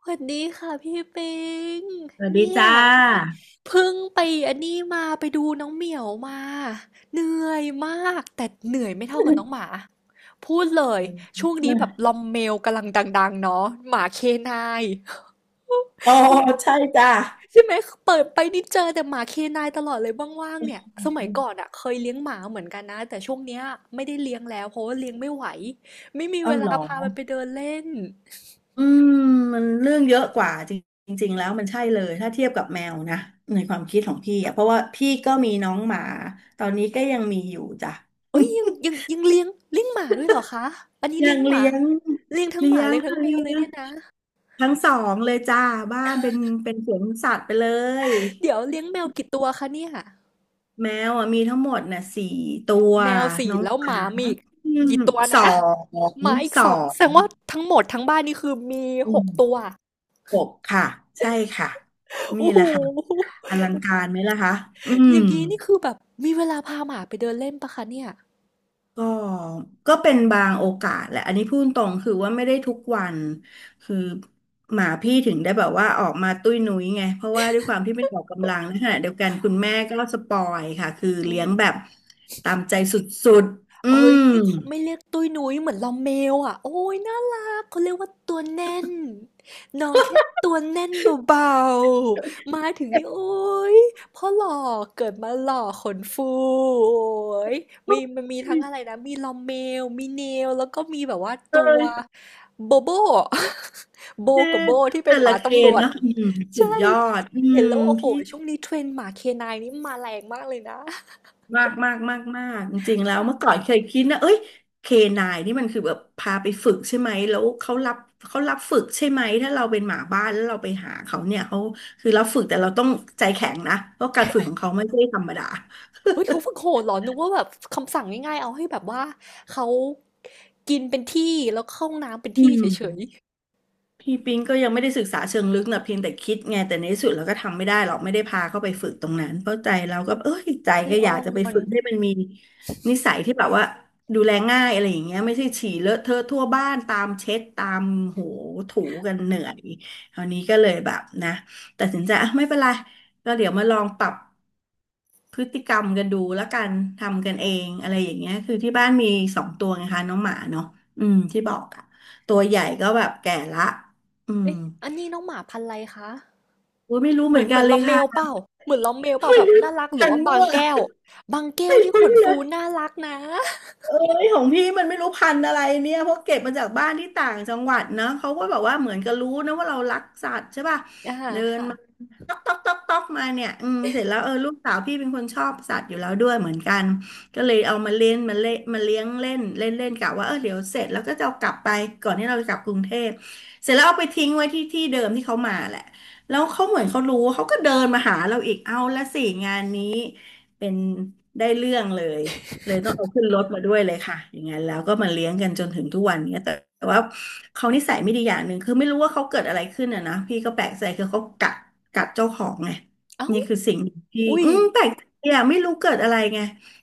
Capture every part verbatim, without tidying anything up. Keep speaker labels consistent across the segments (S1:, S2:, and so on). S1: สวัสดีค่ะพี่ปิง
S2: สวัสดี
S1: เนี่ย
S2: จ้า
S1: เพิ่งไปอันนี้มาไปดูน้องเหมียวมาเหนื่อยมากแต่เหนื่อยไม่เท่ากับน้องหมาพูดเลยช่วงนี้แบบลอมเมลกำลังดังๆเนาะหมาเคนาย
S2: อ๋อ
S1: ซึ่ง
S2: ใช่จ้า
S1: ใช่ไหมเปิดไปนี่เจอแต่หมาเคนายตลอดเลยว่างๆเนี่ยสมัยก่อนอะเคยเลี้ยงหมาเหมือนกันนะแต่ช่วงเนี้ยไม่ได้เลี้ยงแล้วเพราะว่าเลี้ยงไม่ไหวไม่มีเว
S2: เอ้าเห
S1: ลา
S2: รอ
S1: พามันไปเดินเล่น
S2: อืมมันเรื่องเยอะกว่าจริงจริงๆแล้วมันใช่เลยถ้าเทียบกับแมวนะในความคิดของพี่อะเพราะว่าพี่ก็มีน้องหมาตอนนี้ก็ยังมีอยู่จ้ะ
S1: เอ้ยยังยังยังเลี้ยงเลี้ยงหมาด้วยเหรอคะอันนี้
S2: ยั
S1: เลี้ย
S2: ง
S1: งหมา
S2: เลี้ยง
S1: เลี้ยงทั้งห
S2: เลี้
S1: มา
S2: ยง
S1: เลี้ยงทั้ง
S2: ค่ะ
S1: แมว
S2: เลี้
S1: เลย
S2: ยง
S1: เนี่ยนะ
S2: ทั้งสองเลยจ้าบ้านเป็นเป็นสวนสัตว์ไปเลย
S1: เดี๋ยวเลี้ยงแมวกี่ตัวคะเนี่ย
S2: แมวอะมีทั้งหมดน่ะสี่ตัว
S1: แมวสี่
S2: น้อง
S1: แล้ว
S2: ห
S1: ห
S2: มา
S1: มามีอีก
S2: อืม
S1: กี่ตัว
S2: สอ
S1: นะห
S2: ง
S1: มาอีก
S2: สอ
S1: สองแสดงว่า
S2: ง
S1: ทั้งหมดทั้งบ้านนี่คือมี
S2: อื
S1: หกตัว
S2: ม หกค่ะใช่ค่ะนี่
S1: โอ้
S2: แห
S1: โห
S2: ละค่ะอลังการไหมล่ะคะอื
S1: อ
S2: ม
S1: ย่างนี้นี่คือแบบมีเวลาพาหมาไปเดินเล่นปะคะเนี่ย
S2: ก็ก็เป็นบางโอกาสแหละอันนี้พูดตรงคือว่าไม่ได้ทุกวันคือหมาพี่ถึงได้แบบว่าออกมาตุ้ยนุ้ยไงเพราะว่าด้วยความที่ไม่ออกกำลังในขณะเดียวกันคุณแม่ก็สปอยค่ะคือ
S1: อื
S2: เลี้ยง
S1: ม
S2: แบบตามใจสุดๆอื
S1: เอ้ย
S2: ม
S1: เขาไม่เรียกตุ้ยนุ้ยเหมือนเราเมลอ่ะโอ้ยน่ารักเขาเรียกว่าตัวแน่นน้องแค่ตัวแน่นเบาๆมาถึง
S2: เจ็
S1: นี่
S2: บ
S1: โอ้ยพ่อหล่อเกิดมาหล่อขนฟูโอ้ย
S2: ป
S1: มี
S2: วด
S1: มันมีทั้งอะไรนะมีลอมเมลมีเนลแล้วก็มีแบบว่าตั
S2: เล
S1: ว
S2: ย
S1: โบโบ โบ
S2: คือ
S1: กับโบที่เป็น
S2: แต่
S1: ห
S2: ละ
S1: มา
S2: เก
S1: ตำรว
S2: ณ์
S1: จ
S2: เนอะอืมสุ
S1: ใช่
S2: ดยอดอื
S1: เห็นแล้ว
S2: ม
S1: โอ้โห
S2: พี่
S1: ช่วงนี้เทรนด์หมาเคนายนี่มาแรงมากเลยนะ
S2: มากมากมากมากจริงๆแล้วเมื่อ
S1: ค่ะ
S2: ก่อนเคยคิดนะเอ้ยเคนายนี่มันคือแบบพาไปฝึกใช่ไหมแล้วเขารับเขารับฝึกใช่ไหมถ้าเราเป็นหมาบ้านแล้วเราไปหาเขาเนี่ยเขาคือรับฝึกแต่เราต้องใจแข็งนะเพราะการฝึกของเขาไม่ใช่ธรรมดา
S1: เฮ้ยเขาฝึกโหดเหรอนึกว่าแบบคำสั่งง่ายๆเอาให้แบบว่าเขากินเป็นที่แล้วเข้าห้องน้ำเป็น
S2: อื
S1: ที่
S2: ม
S1: เฉย
S2: พี่ปิงก็ยังไม่ได้ศึกษาเชิงลึกนะเพียงแต่คิดไงแต่ในที่สุดเราก็ทำไม่ได้หรอกไม่ได้พาเขาไปฝึกตรงนั้นเพราะใจเราก็เอ้ยใจ
S1: ๆใจ
S2: ก็อ
S1: อ่
S2: ยา
S1: อ
S2: กจะไป
S1: น
S2: ฝึกให้มันมีนิสัยที่แบบว่าดูแลง่ายอะไรอย่างเงี้ยไม่ใช่ฉี่เลอะเทอะทั่วบ้านตามเช็ดตามโหถูกันเหนื่อยคราวนี้ก็เลยแบบนะตัดสินใจอ่ะไม่เป็นไรก็เดี๋ยวมาลองปรับ พฤติกรรมกันดูแล้วกันทำกันเองอะไรอย่างเงี้ยคือที่บ้านมีสองตัวไงคะน้องหมาเนาะอืมที่บอกอะตัวใหญ่ก็แบบแก่ละอืม
S1: เอ๊ะอันนี้น้องหมาพันธุ์อะไรคะ
S2: โอ้ยไม่รู้
S1: เห
S2: เห
S1: มื
S2: มือ
S1: อน
S2: น
S1: เห
S2: กั
S1: มือ
S2: น
S1: น
S2: เล
S1: ลอ
S2: ย
S1: มเม
S2: ค่ะ
S1: ลเปล่าเหมือนลอมเมลเป ล่า
S2: ไม่
S1: แบบ
S2: รู้เห
S1: น่า
S2: มื
S1: รั
S2: อ
S1: ก
S2: น
S1: หรือ
S2: กัน
S1: ว่าบา
S2: มั่
S1: ง
S2: ว
S1: แก้วบางแก้วนี่
S2: ไม่
S1: ขน
S2: รู้เล
S1: ฟู
S2: ย
S1: น่ารักนะ
S2: เอ้ยของพี่มันไม่รู้พันธุ์อะไรเนี่ยเพราะเก็บมาจากบ้านที่ต่างจังหวัดนะเขาก็แบบว่าเหมือนกับรู้นะว่าเรารักสัตว์ใช่ป่ะ
S1: อ่า
S2: เดินมา
S1: ค่ะ
S2: ต๊อกต๊อกต๊อกต๊อกมาเนี่ยอืมเสร็จแล้วเออลูกสาวพี่เป็นคนชอบสัตว์อยู่แล้วด้วยเหมือนกันก็เลยเอามาเล่นมาเล่นมาเลี้ยงเล่นเล่นเล่นกะว่าเออเดี๋ยวเสร็จแล้วก็จะเอากลับไปก่อนที่เราจะกลับกรุงเทพเสร็จแล้วเอาไปทิ้งไว้ที่ที่เดิมที่เขามาแหละแล้วเขาเหมือนเขารู้เขาก็เดินมาหาเราอีกเอาละสิงานนี้เป็นได้เรื่องเลย เลยต้องเอาขึ้นรถมาด้วยเลยค่ะอย่างนั้นแล้วก็มาเลี้ยงกันจนถึงทุกวันเนี้ยแต่แต่ว่าเขานิสัยไม่ดีอย่างหนึ่งคือไม่รู้ว่าเขาเกิดอะไรขึ้นอ่ะนะพี่ก็แปลกใจคือเขากัดกัดเจ้าของไง
S1: เอ้า
S2: นี่คือสิ่งที่
S1: อุ้ย
S2: อืมแปลกใจอ่ะไม่รู้เกิดอะไรไง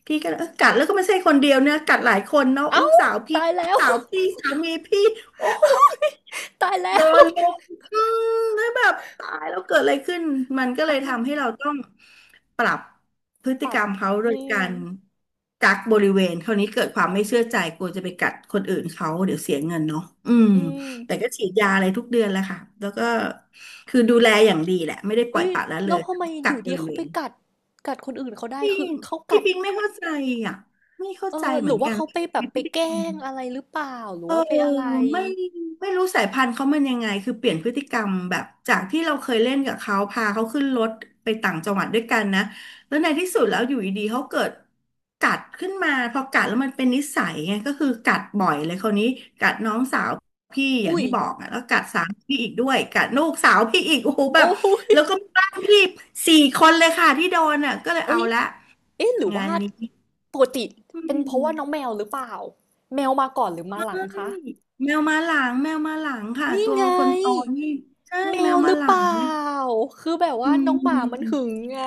S2: พี่ก็เออกัดแล้วก็ไม่ใช่คนเดียวเนี่ยกัดหลายคนเนาะ
S1: เอ้า
S2: ลูกสาวพี่
S1: ตาย
S2: ลู
S1: แล้
S2: ก
S1: ว
S2: สาวพี่สามีพี่โอ้ย
S1: ตายแล้
S2: โด
S1: ว
S2: นลุม อืมแล้วแบบตายแล้วเกิดอะไรขึ้นมันก็เล
S1: อ้า
S2: ย
S1: ว
S2: ทำให้เราต้อง ปรับพฤติ
S1: ป
S2: ก
S1: รั
S2: ร
S1: บ
S2: รมเขาโด
S1: อื
S2: ยกา
S1: ม
S2: รกักบริเวณคราวนี้เกิดความไม่เชื่อใจกลัวจะไปกัดคนอื่นเขาเดี๋ยวเสียเงินเนาะอืม
S1: อืม
S2: แต่ก็ฉีดยาอะไรทุกเดือนแหล้วค่ะแล้วก็คือดูแลอย่างดีแหละไม่ได้ปล่อ
S1: อุ้
S2: ย
S1: ย
S2: ปละละเล
S1: แล้
S2: ย
S1: วทำ
S2: แต่
S1: ไม
S2: ว่า
S1: อ
S2: กัก
S1: ยู่
S2: บ
S1: ดี
S2: ริ
S1: เขา
S2: เว
S1: ไป
S2: ณ
S1: กัดกัดคนอื่นเขาได้
S2: พี่
S1: คือเขา
S2: พี่
S1: กัด
S2: ปิงไม่เข้าใจอ่ะไม่เข้า
S1: เอ
S2: ใจ
S1: อห
S2: เหมื
S1: รื
S2: อ
S1: อ
S2: น
S1: ว่า
S2: กัน
S1: เขาไป
S2: ว่า
S1: แบบไป
S2: พฤติ
S1: แก
S2: ก
S1: ล้
S2: รรม
S1: งอะไรหรือเปล่าหรือ
S2: เออ
S1: ว่าไปอะไร
S2: ไม่ไม่รู้สายพันธุ์เขามันยังไงคือเปลี่ยนพฤติกรรมแบบจากที่เราเคยเล่นกับเขาพาเขาขึ้นรถไปต่างจังหวัดด้วยกันนะแล้วในที่สุดแล้วอยู่ดีๆเขาเกิดกัดขึ้นมาพอกัดแล้วมันเป็นนิสัยไงก็คือกัดบ่อยเลยคราวนี้กัดน้องสาวพี่อย่าง
S1: อุ้ย
S2: ที่บอกอ่ะแล้วกัดสามพี่อีกด้วยกัดลูกสาวพี่อีกโอ้โหแบบ
S1: โอ้ย
S2: แล้วก็มีบ้านพี่สี่คนเลยค่ะที่โดนอ่ะก็เลย
S1: เอ้
S2: เอา
S1: ย
S2: ละ
S1: เอ๊ะหรือ
S2: งา
S1: ว่า
S2: นนี้
S1: ปกติ
S2: อื
S1: เป็นเพราะว่าน้องแม
S2: ม
S1: วหรือเปล่าแมวมาก่อนหรือมา
S2: ใช่
S1: หลังคะ
S2: แมวมาหลังแมวมาหลังค่ะ
S1: นี่
S2: ตัว
S1: ไง
S2: คนโตนี่ใช่
S1: แม
S2: แมว
S1: วห
S2: มา
S1: รือ
S2: หลั
S1: เป
S2: ง
S1: ล่าคือแบบ
S2: อื
S1: ว่าน้องหมามัน
S2: ม
S1: หึงไง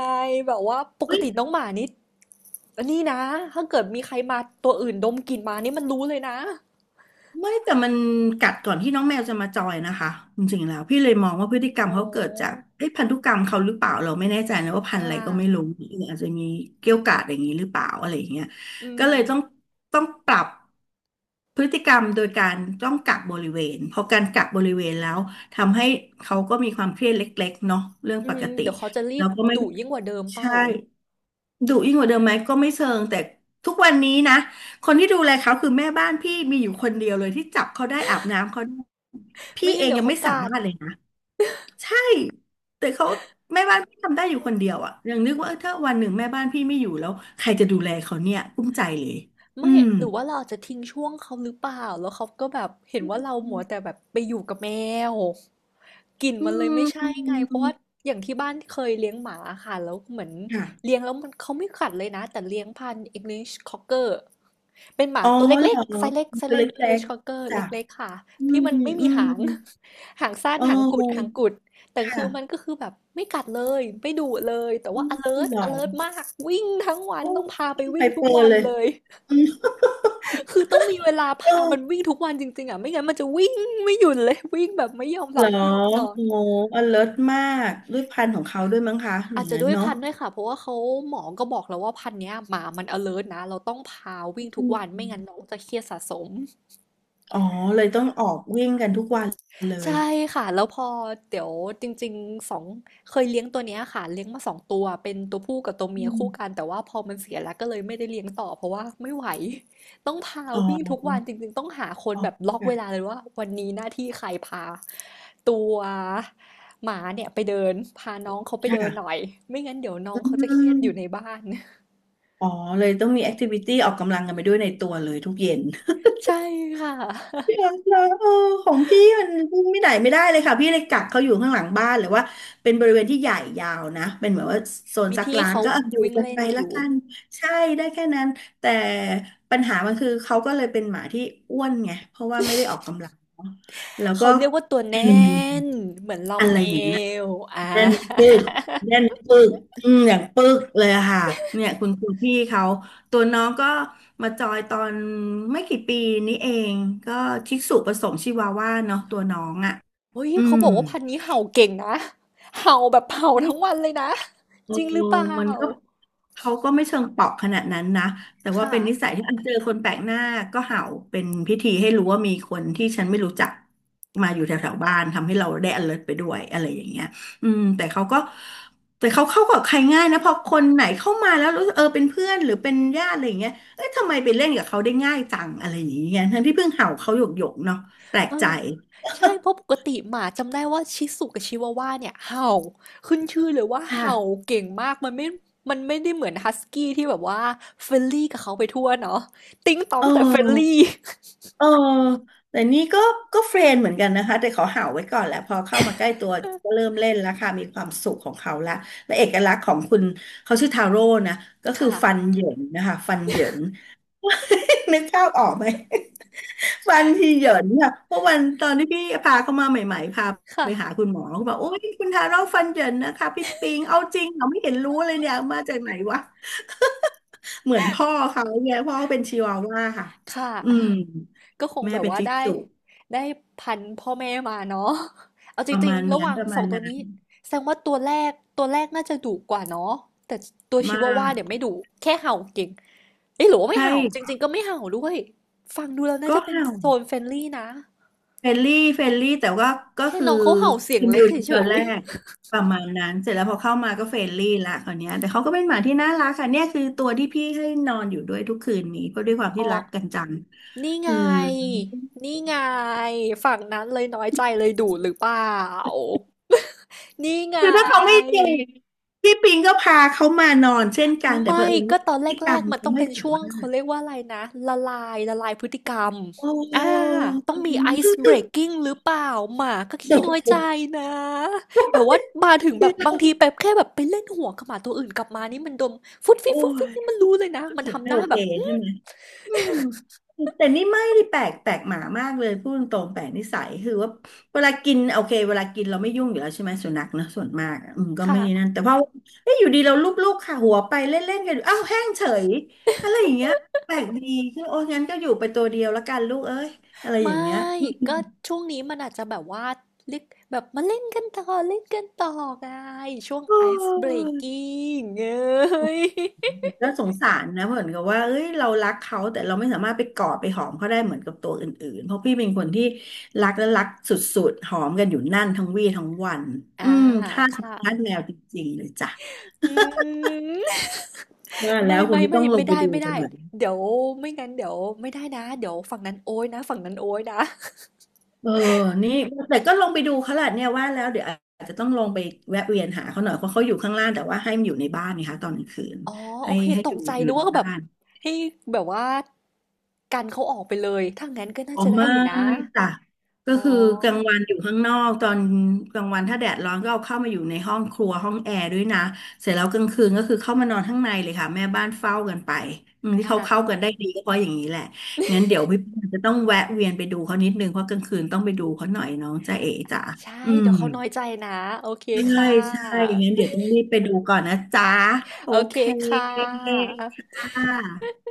S1: แบบว่าปก
S2: เฮ้ย
S1: ติน้องหมานี่อันนี่นะถ้าเกิดมีใครมาตัวอื่นดมกลิ่นมานี่มันรู้เลยนะ
S2: ไม่แต่มันกัดก่อนที่น้องแมวจะมาจอยนะคะจริงๆแล้วพี่เลยมองว่าพฤติกรร
S1: อ๋
S2: มเขาเกิดจาก
S1: อ
S2: เอ้พันธุกรรมเขาหรือเปล่าเราไม่แน่ใจนะว่าพัน
S1: อ่า
S2: ธุ์อะไรก็ไม่รู้หรืออาจจะมีเกี้ยวกาดอย่างนี้หรือเปล่าอะไรอย่างเงี้ย
S1: อื
S2: ก็
S1: ม
S2: เลยต้องต้องปรับ พฤติกรรมโดยการต้องกักบริเวณพอการกักบริเวณแล้วทำให้เขาก็มีความเครียดเล็กๆเนาะเรื่อง
S1: อื
S2: ป
S1: ม
S2: กติ
S1: เดี๋ยวเขาจะรี
S2: แล้
S1: บ
S2: วก็ไม่
S1: ดุยิ่งกว่าเดิมเป
S2: ใช่
S1: ล่า
S2: ดุยิ่งกว่าเดิมไหมก็ไม่เชิงแต่ทุกวันนี้นะคนที่ดูแลเขาคือแม่บ้านพี่มีอยู่คนเดียวเลยที่จับเขาได้อาบน้ำเขาได้พี่
S1: ไม่
S2: เอ
S1: งั้น
S2: ง
S1: เดี๋ยว
S2: ยัง
S1: เขา
S2: ไม่สา
S1: กัด
S2: มารถเลยนะใช่แต่เขาแม่บ้านพี่ทำได้อยู่คนเดียวอะยังนึกว่าเออถ้าวันหนึ่งแม่บ้านพี่ไม่อยู่แล้วใครจะดูแลเขาเนี่ยกุ้มใจเลยอื
S1: ไม่
S2: ม
S1: หรือว่าเราอาจจะทิ้งช่วงเขาหรือเปล่า แล้วเขาก็แบบเห็นว่าเรามัวแต่แบบไปอยู่กับแมวกลิ่น
S2: อื
S1: มันเลยไม่ใช่ไง
S2: ม
S1: เพราะว่าอย่างที่บ้านเคยเลี้ยงหมาค่ะแล้วเหมือนเลี้
S2: ค่ะ
S1: ยงแล้วมันเขาไม่กัดเลยนะแต่เลี้ยงพันธุ์ English Cocker เป็นหมา
S2: อ๋อ
S1: ตัวเล็ก
S2: เหร
S1: ๆ
S2: อ
S1: ไซส์เล็กไซส์
S2: ตัว
S1: เล็
S2: เล
S1: ก
S2: ็ก
S1: English Cocker
S2: ๆจ้ะ
S1: เล็กๆค่ะ
S2: อื
S1: ที่
S2: ม
S1: มันไม่
S2: อื
S1: มีหา
S2: ม
S1: ง หางสั้
S2: เ
S1: นหางกุดหาง
S2: ออ
S1: กุดแต่
S2: ค
S1: คือมัน
S2: ่ะ
S1: ก็คือแบบไม่กัดเลยไม่ดุเลยแต่
S2: อื
S1: ว่า
S2: ม
S1: alert
S2: เหรอ
S1: alert มากวิ่งทั้งวัน
S2: โอ้
S1: ต้องพาไป
S2: ไฮ
S1: วิ่งทุ
S2: เป
S1: ก
S2: อร์
S1: วัน
S2: เลย
S1: เลย
S2: อืม
S1: คือต้องมีเวลา
S2: เอ
S1: พามัน
S2: อ
S1: วิ่งทุกวันจริงๆอ่ะไม่งั้นมันจะวิ่งไม่หยุดเลย วิ่งแบบไม่ยอมห
S2: เห
S1: ลั
S2: ร
S1: บ
S2: อ
S1: ไม่ยอมนอน
S2: โอ้อเลิมากด้วยพันธุ์ของเขาด้วยมั้งคะอ
S1: อา
S2: ย่า
S1: จ
S2: ง
S1: จะ
S2: นั้น
S1: ด้วย
S2: เนาะ
S1: พันธุ์ด้วยค่ะเพราะว่าเขาหมอก็บอกแล้วว่าพันธุ์เนี้ยหมามัน alert นะเราต้องพาวิ่งทุ
S2: อื
S1: กวัน ไม่งั้นน้
S2: ม
S1: องจะเครียดสะสม
S2: อ๋อเลยต้องออกวิ่งกันทุกวันเล
S1: ใช่
S2: ย
S1: ค่ะแล้วพอเดี๋ยวจริงๆสองเคยเลี้ยงตัวเนี้ยค่ะเลี้ยงมาสองตัวเป็นตัวผู้กับตัว
S2: อื
S1: เมีย
S2: ม
S1: คู่กันแต่ว่าพอมันเสียแล้วก็เลยไม่ได้เลี้ยงต่อเพราะว่าไม่ไหวต้องพา
S2: อ๋อ
S1: วิ่งทุกวันจริงๆต้องหาคน
S2: อ๋อ
S1: แบบล็อกเวลา
S2: ค่ะ
S1: เลยว่าวันนี้หน้าที่ใครพาตัวหมาเนี่ยไปเดินพาน้องเขาไปเดินหน่อ
S2: ค่ะ
S1: ยไม่งั้นเดี๋ยวน้อ
S2: อื
S1: งเขาจะเครียด
S2: ม
S1: อยู่ในบ้าน
S2: อ๋อเลยต้องมีแอคทิวิตี้ออกกำลังกันไปด้วยในตัวเลยทุกเย็น
S1: ใช่ค่ะ
S2: พี่รักนะเออของพี่มันวิ่งไม่ไหนไม่ได้เลยค่ะพี่เลยกักเขาอยู่ข้างหลังบ้านหรือว่าเป็นบริเวณที่ใหญ่ยาวนะเป็นเหมือนว่าโซน
S1: มี
S2: ซัก
S1: ที่
S2: ล้าง
S1: เขา
S2: ก็เอาอยู่
S1: วิ่ง
S2: กัน
S1: เล่
S2: ไป
S1: นอ
S2: ละ
S1: ยู่
S2: กันใช่ได้แค่นั้นแต่ปัญหามันคือเขาก็เลยเป็นหมาที่อ้วนไงเพราะว่าไม่ได้ออกกำลังเนอะแล้วก็
S1: เขาเรียกว่าตัว
S2: อื
S1: แน่
S2: ม
S1: นเหมือนลอม
S2: อะไร
S1: เม
S2: อย่างนั้น
S1: ลอ่า
S2: เน่นปึกเน่ นปึกอืมอย่างปึกเลยอะค่ะเนี่ยคุณครูพี่เขาตัวน้องก็มาจอยตอนไม่กี่ปีนี้เองก็ชิสุผสมชิวาว่าเนาะตัวน้องอ่ะ
S1: เฮ้ย
S2: อื
S1: เขา
S2: ม
S1: บอกว่าพันธุ์นี้เห่าเก่งนะ เห่าแบบเห่าทั้งวันเลยนะ
S2: เออ
S1: จริงหรือเปล่า
S2: มันก็เขาก็ไม่เชิงเปราะขนาดนั้นนะแต่ว่า
S1: ค่ะ
S2: เป็นนิสัยที่อันเจอคนแปลกหน้าก็เห่าเป็นพิธีให้รู้ว่ามีคนที่ฉันไม่รู้จักมาอยู่แถวๆบ้านทำให้เราได้ alert ไปด้วยอะไรอย่างเงี้ยอืมแต่เขาก็แต่เขาเข้ากับใครง่ายนะพอคนไหนเข้ามาแล้วรู้สึกเออเป็นเพื่อนหรือเป็นญาติอะไรอย่างเงี้ยเอ้ยทำไมไปเล่นกับเขาได้ง่ายจังอะไรอย่างเงี้ยทั้งที่เพิ่งเห่าเขาหยกๆเนาะแปลก
S1: เอ
S2: ใจ
S1: อใช่เพราะปกติหมาจำได้ว่าชิสุกับชิวาว่าเนี่ยเห่าขึ้นชื่อเลยว่า
S2: ค่ะ
S1: เห่า เก่งมากมันไม่มันไม่ได้เหมือนฮัสกี้ที่แบบว่าเฟรนลี่กับเขาไปทั่วเนาะติ๊งต้
S2: เ
S1: องแต่เฟรน
S2: ออ
S1: ลี่
S2: เออแต่นี่ก็ก็เฟรนเหมือนกันนะคะแต่ขาเห่าวไว้ก่อนแหละพอเข้ามาใกล้ตัวก็เริ่มเล่นแล้วค่ะมีความสุขของเขาละและเอกลักษณ์ของคุณเขาชื่อทาโร่นะก็คือ
S1: ค่ะ
S2: ฟันเหยินนะคะฟัน เหยิน นึกภาพออกไหมฟันที่เหยินค่ะเพราะวันตอนที่พี่พาเขามาใหม่ๆพาไปหาคุ
S1: ค่ะ
S2: ณหมอเขาบอกโอ้ยคุณทาโร่ฟันเหยินนะคะพี่ปิงเอาจริงเหราไม่เห็นรู้เลยเนี่ยมาจากไหนวะ เหมือนพ่อเขาเนี่ยพ่อเป็นชิวาว่าค่ะ
S1: ค่ะ
S2: อืม
S1: ก็คง
S2: แม่
S1: แบบ
S2: เป็น
S1: ว่า
S2: จิก
S1: ได้
S2: สุ
S1: ได้พันธุ์พ่อแม่มาเนาะ เอาจ
S2: ประ
S1: ริง
S2: มาณ
S1: ๆระห
S2: นั้น
S1: ว่าง
S2: ประ
S1: ส
S2: มา
S1: อ
S2: ณ
S1: งตัว
S2: นั้น
S1: นี้แสดงว่าตัวแรกตัวแรกน่าจะดุกว่าเนาะ แต่ตัวชิ
S2: มา
S1: วาว่าเนี่ยไม่
S2: ก
S1: ดุแค่เห่าเก่งเอ้ยหรือว่าไม่
S2: ใช่
S1: เห่าจริงๆก็ไม่เห่าด้วยฟังดูแล้วน่า
S2: ก็
S1: จะเป็นโซนเฟรนลี่นะ
S2: เฟรนลี่เฟรนลี่แต่ว่าก็
S1: แค่
S2: คือ
S1: น้องเขาเห่าเสีย
S2: เป
S1: ง
S2: น
S1: เล็
S2: ดู
S1: กเฉ
S2: ตอน
S1: ย
S2: แรกประมาณนั้นเสร็จแล้วพอเข้ามาก็เฟรนลี่ละคราวเนี้ยแต่เขาก็เป็นหมาที่น่ารักค่ะเนี่ยคือตัวที่พี่ให้นอนอยู่ด้วยทุกคืนนี้เพราะด้ว
S1: ๆ
S2: ยความ
S1: อ๋
S2: ที่
S1: อ
S2: รักกันจัง
S1: นี่
S2: เอ
S1: ไง
S2: อ
S1: นี่ไงฝั่งนั้นเลยน้อยใจเลยดุหรือเปล่านี่ไง
S2: คือถ้าเขาไม่เจ็บพี่ปิงก็พาเขามานอนเช่นกันแต่เผ
S1: ไม่
S2: อิญ
S1: ก็
S2: ว่า
S1: ต
S2: พ
S1: อน
S2: ฤ
S1: แร
S2: ติกรร
S1: ก
S2: ม
S1: ๆมัน
S2: เขา
S1: ต้อง
S2: ไม่
S1: เป็น
S2: สา
S1: ช่วง
S2: มาร
S1: เขา
S2: ถ
S1: เรียกว่าอะไรนะละลายละลายพฤติกรรม
S2: โอ้
S1: อ่าต้องมี
S2: อื
S1: ice
S2: ม
S1: breaking หรือเปล่าหมาก็
S2: เดี๋
S1: ขี้
S2: ยว
S1: น้อยใจนะแบบว่ามาถึงแบบบางทีแบบแค่แบบไปเล่นหัวกับหมาตัวอื่นกลับมานี่มันดมฟุดฟิ
S2: โอ้
S1: ดฟุดฟิด
S2: ย
S1: นี่มันรู้เลยนะ
S2: รู้
S1: มัน
S2: สึก
S1: ทำห
S2: ไม่
S1: น้า
S2: โอเค
S1: แบบอื
S2: ใช่
S1: ม
S2: ไหมอืมแต่นี่ไม่ได้แปลกแปลกหมามากเลยพูดตรงๆแปลกนิสัยคือว่าเวลากินโอเคเวลากินเราไม่ยุ่งอยู่แล้วใช่ไหมสุนัขนะส่วนมากอะอืมก็ไม่
S1: ค่ะ
S2: นั่นแต่พอเอ้ยอยู่ดีเราลูบๆค่ะหัวไปเล่นๆกันอยู่อ้าวแห้งเฉยอะไรอย่างเงี้ยแปลกดีคือโอ้งั้นก็อยู่ไปตัวเดียวละกันลูกเอ้ยอะไรอ
S1: ไม่
S2: ย่างเงี้ย
S1: ก็ช่วงนี้มันอาจจะแบบว่าเล็กแบบมาเล่นกันต่อเล่นกันต่อไงช่วง
S2: โอ้
S1: ice
S2: ย
S1: breaking เอ้ย
S2: น่าสงสารนะเหมือนกับว่าเอ้ยเรารักเขาแต่เราไม่สามารถไปกอดไปหอมเขาได้เหมือนกับตัวอื่นๆเพราะพี่เป็นคนที่รักและรักสุดๆหอมกันอยู่นั่นทั้งวี่ทั้งวัน
S1: อ่า
S2: อืมทาสห
S1: ค่ะ
S2: มาทาสแมวจริงๆเลยจ้ะ
S1: อืม
S2: ว่าแล้
S1: ไม่
S2: วคุณ
S1: ไม่
S2: ก็
S1: ไม่
S2: ต้องลง
S1: ไม่
S2: ไป
S1: ได้
S2: ดู
S1: ไม่
S2: กัน
S1: ได้
S2: หน่อย
S1: เดี๋ยวไม่งั้นเดี๋ยวไม่ได้นะเดี๋ยวฝั่งนั้นโอ้ยนะฝั่งนั้นโอ้ยนะ
S2: เออนี่แต่ก็ลงไปดูเขาแหละเนี่ยว่าแล้วเดี๋ยวอาจจะต้องลงไปแวะเวียนหาเขาหน่อยเพราะเขาอยู่ข้างล่างแต่ว่าให้มันอยู่ในบ้านนะคะตอนกลางคืน
S1: อ๋อโอ
S2: ให้
S1: เค
S2: ให้
S1: ต
S2: ดู
S1: กใจ
S2: อยู่
S1: นึก
S2: ใน
S1: ว่าแบ
S2: บ้า
S1: บ
S2: น
S1: ให้แบบว่ากันเขาออกไปเลยถ้างั้นก็น่า
S2: อ๋อ
S1: จะได้
S2: ไม่
S1: อยู่นะ
S2: จ้ะก็
S1: อ๋
S2: คือกลาง
S1: อ
S2: วันอยู่ข้างนอกตอนกลางวันถ้าแดดร้อนก็เอาเข้ามาอยู่ในห้องครัวห้องแอร์ด้วยนะเสร็จแล้วกลางคืนก็คือเข้ามานอนข้างในเลยค่ะแม่บ้านเฝ้ากันไปอืมที่เขา
S1: อ่า
S2: เข้ากันได้ดีก็เพราะอย่างนี้แหละงั้นเดี๋ยวพี่ปอนจะต้องแวะเวียนไปดูเขานิดนึงเพราะกลางคืนต้องไปดูเขาหน่อยน้องจ๊ะเอ๋จ๋า
S1: ใช่
S2: อืม
S1: เดี๋ยวเขาน้อยใจนะโอเค
S2: ใช่
S1: ค่
S2: ใช่
S1: ะ
S2: งั้นเดี๋ยวต้องรีบไปดูก่อนนะจ๊ะโอ
S1: โอเค
S2: เค
S1: ค่ะ
S2: ค่ะ